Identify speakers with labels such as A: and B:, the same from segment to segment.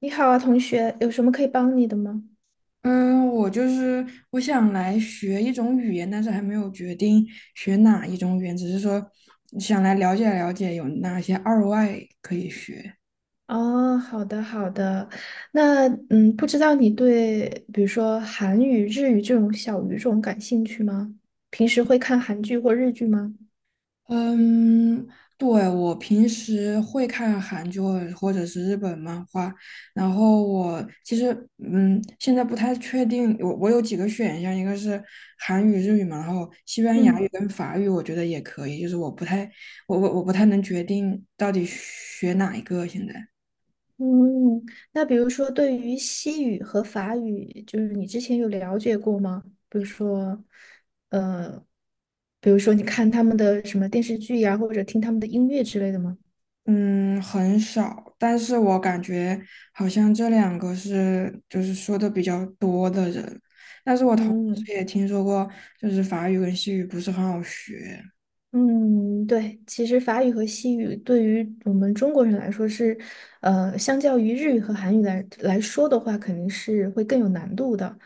A: 你好啊，同学，有什么可以帮你的吗？
B: 嗯，我就是，我想来学一种语言，但是还没有决定学哪一种语言，只是说想来了解了解有哪些二外可以学。
A: 哦，好的，好的。那，不知道你对比如说韩语、日语这种小语种感兴趣吗？平时会看韩剧或日剧吗？
B: 嗯，对，我平时会看韩剧或者是日本漫画，然后我其实现在不太确定，我有几个选项，一个是韩语、日语嘛，然后西班牙
A: 嗯
B: 语跟法语，我觉得也可以，我不太能决定到底学哪一个现在。
A: 嗯，那比如说对于西语和法语，就是你之前有了解过吗？比如说，呃，比如说你看他们的什么电视剧呀、或者听他们的音乐之类的吗？
B: 嗯，很少，但是我感觉好像这两个是就是说的比较多的人，但是我同时
A: 嗯。
B: 也听说过，就是法语跟西语不是很好学。
A: 嗯，对，其实法语和西语对于我们中国人来说是，相较于日语和韩语来说的话，肯定是会更有难度的。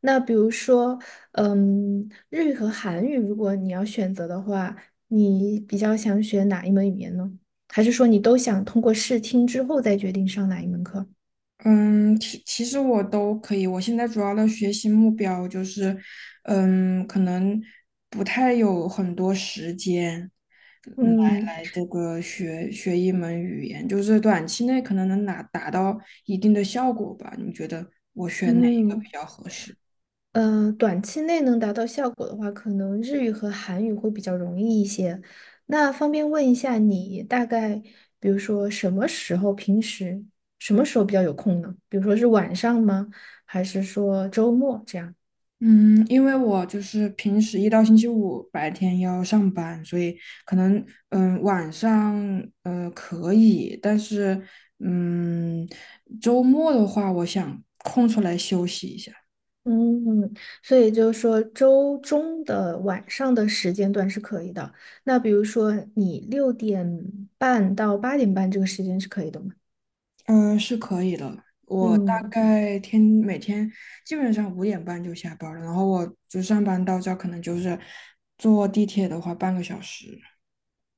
A: 那比如说，日语和韩语，如果你要选择的话，你比较想学哪一门语言呢？还是说你都想通过试听之后再决定上哪一门课？
B: 嗯，其实我都可以，我现在主要的学习目标就是，可能不太有很多时间，嗯
A: 嗯
B: 来来这个学一门语言，就是短期内可能能达到一定的效果吧。你觉得我选哪一个
A: 嗯。
B: 比较合适？
A: 嗯，短期内能达到效果的话，可能日语和韩语会比较容易一些。那方便问一下你大概，比如说什么时候，平时什么时候比较有空呢？比如说是晚上吗？还是说周末这样？
B: 嗯，因为我就是平时一到星期五白天要上班，所以可能晚上可以，但是嗯周末的话，我想空出来休息一下，
A: 嗯，所以就是说周中的晚上的时间段是可以的。那比如说你六点半到八点半这个时间是可以的吗？
B: 嗯，是可以的。我大
A: 嗯。
B: 概每天基本上5:30就下班了，然后我就上班到这儿可能就是坐地铁的话半个小时。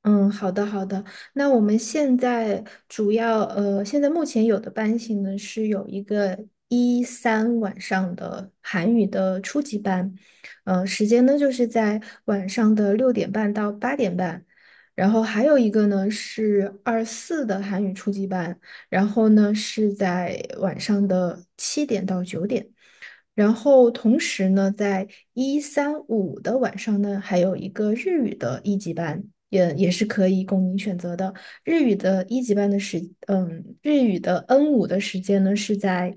A: 嗯，好的好的。那我们现在现在目前有的班型呢是有一个一三晚上的韩语的初级班，时间呢就是在晚上的六点半到八点半，然后还有一个呢是二四的韩语初级班，然后呢是在晚上的七点到九点。然后同时呢，在一三五的晚上呢，还有一个日语的一级班，也是可以供您选择的。日语的一级班的时，日语的 N5的时间呢是在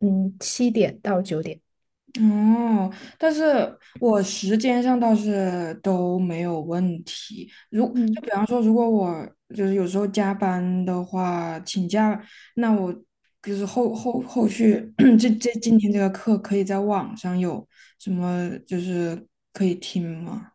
A: 七点到九点。
B: 哦，但是我时间上倒是都没有问题。
A: 嗯。
B: 比方说，如果我就是有时候加班的话，请假，那我就是后续 今天这个课可以在网上有什么就是可以听吗？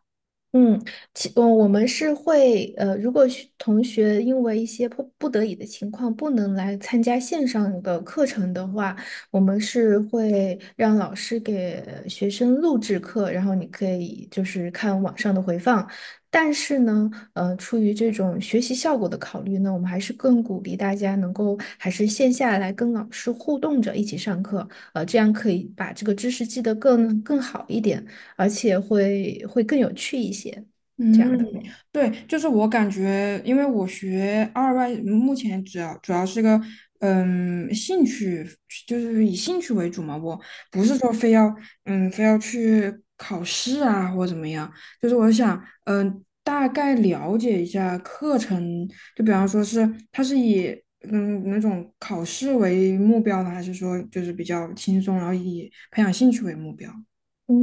A: 嗯，我们是会，如果同学因为一些迫不得已的情况不能来参加线上的课程的话，我们是会让老师给学生录制课，然后你可以就是看网上的回放。但是呢，出于这种学习效果的考虑呢，我们还是更鼓励大家能够还是线下来跟老师互动着一起上课，这样可以把这个知识记得更好一点。而且会更有趣一些，这样
B: 嗯，
A: 的。
B: 对，就是我感觉，因为我学二外，目前主要是个兴趣，就是以兴趣为主嘛。我不是
A: 嗯
B: 说非要嗯非要去考试啊或怎么样，就是我想大概了解一下课程，就比方说是它是以那种考试为目标呢，还是说就是比较轻松，然后以培养兴趣为目标？
A: 嗯，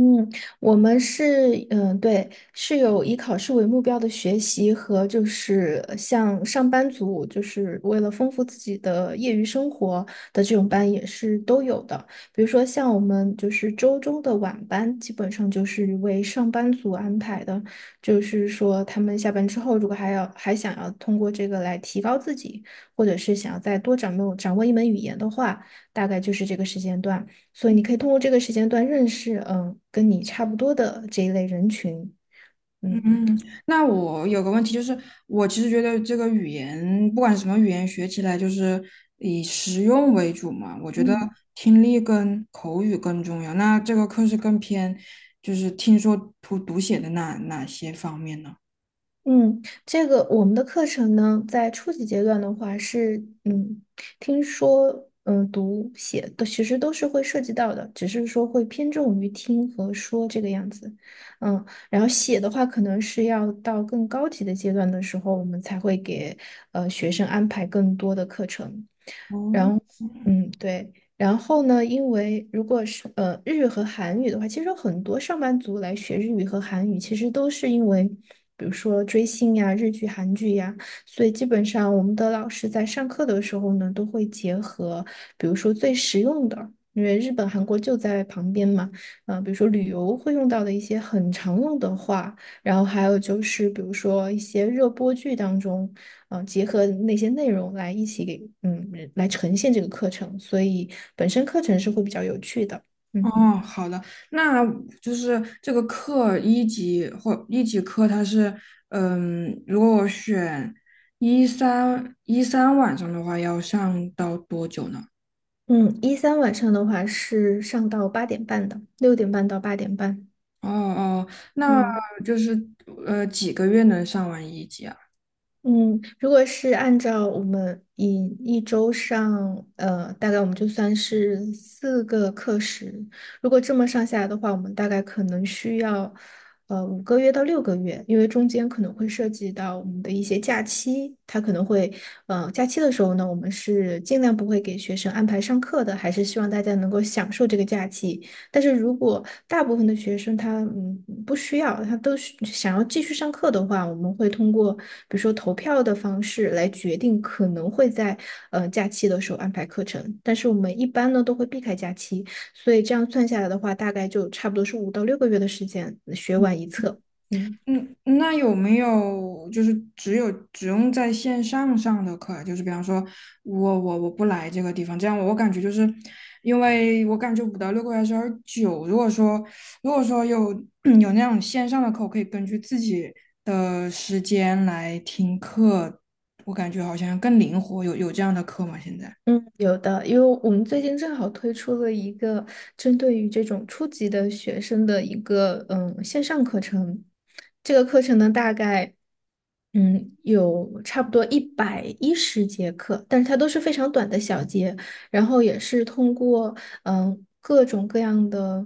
A: 我们是，对，是有以考试为目标的学习和就是像上班族，就是为了丰富自己的业余生活的这种班也是都有的。比如说像我们就是周中的晚班，基本上就是为上班族安排的，就是说他们下班之后，如果还想要通过这个来提高自己，或者是想要再多掌握掌握一门语言的话，大概就是这个时间段。所以你可以通过这个时间段认识，跟你差不多的这一类人群，嗯
B: 嗯，那我有个问题，就是我其实觉得这个语言，不管什么语言，学起来就是以实用为主嘛。我觉得
A: 嗯
B: 听力跟口语更重要。那这个课是更偏，就是听说读写的哪些方面呢？
A: 嗯，这个我们的课程呢，在初级阶段的话是，嗯，听说，读写的其实都是会涉及到的，只是说会偏重于听和说这个样子，嗯，然后写的话，可能是要到更高级的阶段的时候，我们才会给学生安排更多的课程。
B: 哦，
A: 嗯，对。然后呢，因为如果是日语和韩语的话，其实有很多上班族来学日语和韩语，其实都是因为，比如说追星呀、日剧、韩剧呀，所以基本上我们的老师在上课的时候呢，都会结合，比如说最实用的，因为日本、韩国就在旁边嘛，啊、比如说旅游会用到的一些很常用的话。然后还有就是，比如说一些热播剧当中，结合那些内容来一起给，来呈现这个课程，所以本身课程是会比较有趣的。嗯
B: 哦，好的，那就是这个课一级或一级课，它是，如果我选一三晚上的话，要上到多久呢？
A: 嗯，一三晚上的话是上到八点半的，六点半到八点半。
B: 哦哦，那
A: 嗯。
B: 就是几个月能上完一级啊？
A: 嗯，如果是按照我们以一周上，大概我们就算是4个课时，如果这么上下来的话，我们大概可能需要，5个月到6个月，因为中间可能会涉及到我们的一些假期，它可能会，呃，假期的时候呢，我们是尽量不会给学生安排上课的，还是希望大家能够享受这个假期，但是如果大部分的学生他不需要，他都是想要继续上课的话，我们会通过比如说投票的方式来决定可能会在假期的时候安排课程。但是我们一般呢都会避开假期，所以这样算下来的话，大概就差不多是5到6个月的时间学完一册。嗯。
B: 嗯，那有没有就是只用在线上上的课啊？就是比方说我不来这个地方，这样我感觉就是，因为我感觉5到6个月还是有点久。如果说有 有那种线上的课，我可以根据自己的时间来听课，我感觉好像更灵活。有这样的课吗？现在？
A: 嗯，有的，因为我们最近正好推出了一个针对于这种初级的学生的一个线上课程。这个课程呢，大概有差不多110节课，但是它都是非常短的小节，然后也是通过各种各样的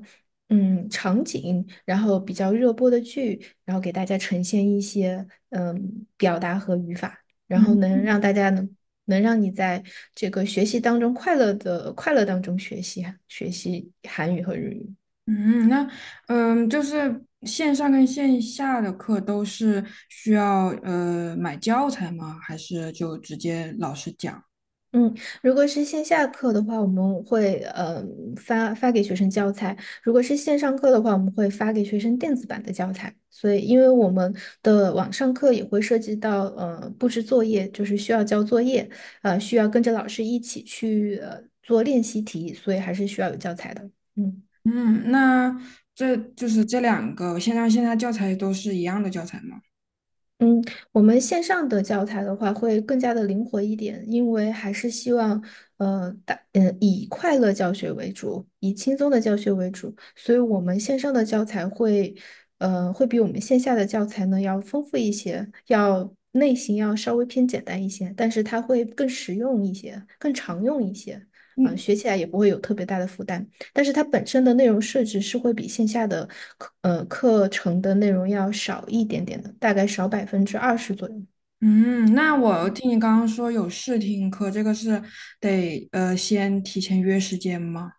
A: 嗯场景，然后比较热播的剧，然后给大家呈现一些表达和语法。然后能让大家能能让你在这个学习当中快乐当中学习学习韩语和日语。
B: 嗯，那就是线上跟线下的课都是需要买教材吗？还是就直接老师讲？
A: 嗯，如果是线下课的话，我们会发给学生教材；如果是线上课的话，我们会发给学生电子版的教材。所以，因为我们的网上课也会涉及到布置作业，就是需要交作业，需要跟着老师一起去做练习题，所以还是需要有教材的。嗯。
B: 嗯，那就是这两个线上线下教材都是一样的教材吗？
A: 嗯，我们线上的教材的话会更加的灵活一点，因为还是希望，以快乐教学为主，以轻松的教学为主，所以我们线上的教材会比我们线下的教材呢要丰富一些，要类型要稍微偏简单一些，但是它会更实用一些，更常用一些，啊，
B: 嗯
A: 学起来也不会有特别大的负担。但是它本身的内容设置是会比线下的课程的内容要少一点点的，大概少20%左右。
B: 嗯，那我听你刚刚说有试听课，这个是得先提前约时间吗？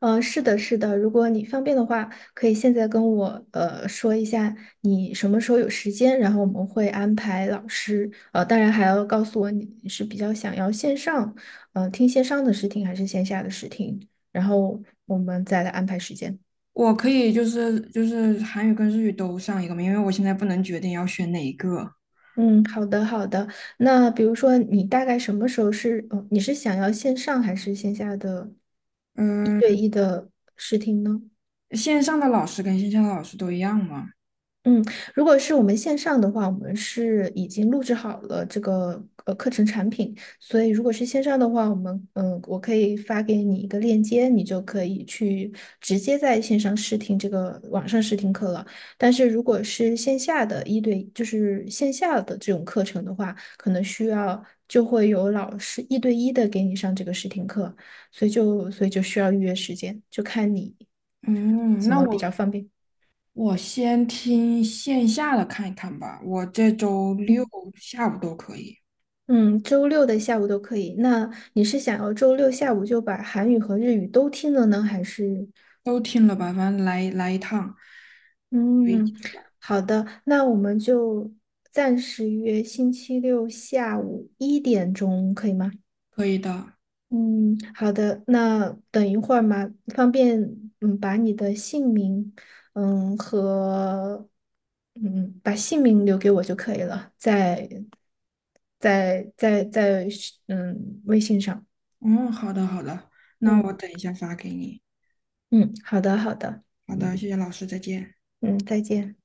A: 是的，是的，如果你方便的话，可以现在跟我说一下你什么时候有时间，然后我们会安排老师。当然还要告诉我你是比较想要听线上的试听还是线下的试听，然后我们再来安排时间。
B: 我可以就是韩语跟日语都上一个吗？因为我现在不能决定要选哪一个。
A: 嗯，好的好的。那比如说，你大概什么时候你是想要线上还是线下的一对
B: 嗯。
A: 一的试听呢？
B: 线上的老师跟线下的老师都一样吗？
A: 嗯，如果是我们线上的话，我们是已经录制好了这个课程产品，所以如果是线上的话，我们嗯，我可以发给你一个链接，你就可以去直接在线上试听这个网上试听课了。但是如果是线下的一对，就是线下的这种课程的话，可能需要就会有老师一对一的给你上这个试听课，所以就需要预约时间，就看你
B: 嗯，
A: 怎
B: 那
A: 么比较方便。
B: 我先听线下的看一看吧。我这周六
A: 嗯
B: 下午都可以，
A: 嗯，周六的下午都可以。那你是想要周六下午就把韩语和日语都听了呢，还是？
B: 都听了吧，反正来一趟，可以
A: 嗯，好的，那我们就暂时约星期六下午1点钟，可以吗？
B: 的。
A: 嗯，好的。那等一会儿嘛，方便把你的姓名和把姓名留给我就可以了，在微信上。
B: 嗯，好的好的，那我
A: 嗯。
B: 等一下发给你。
A: 嗯，好的，好的，
B: 好的，谢谢老师，再见。
A: 嗯，再见。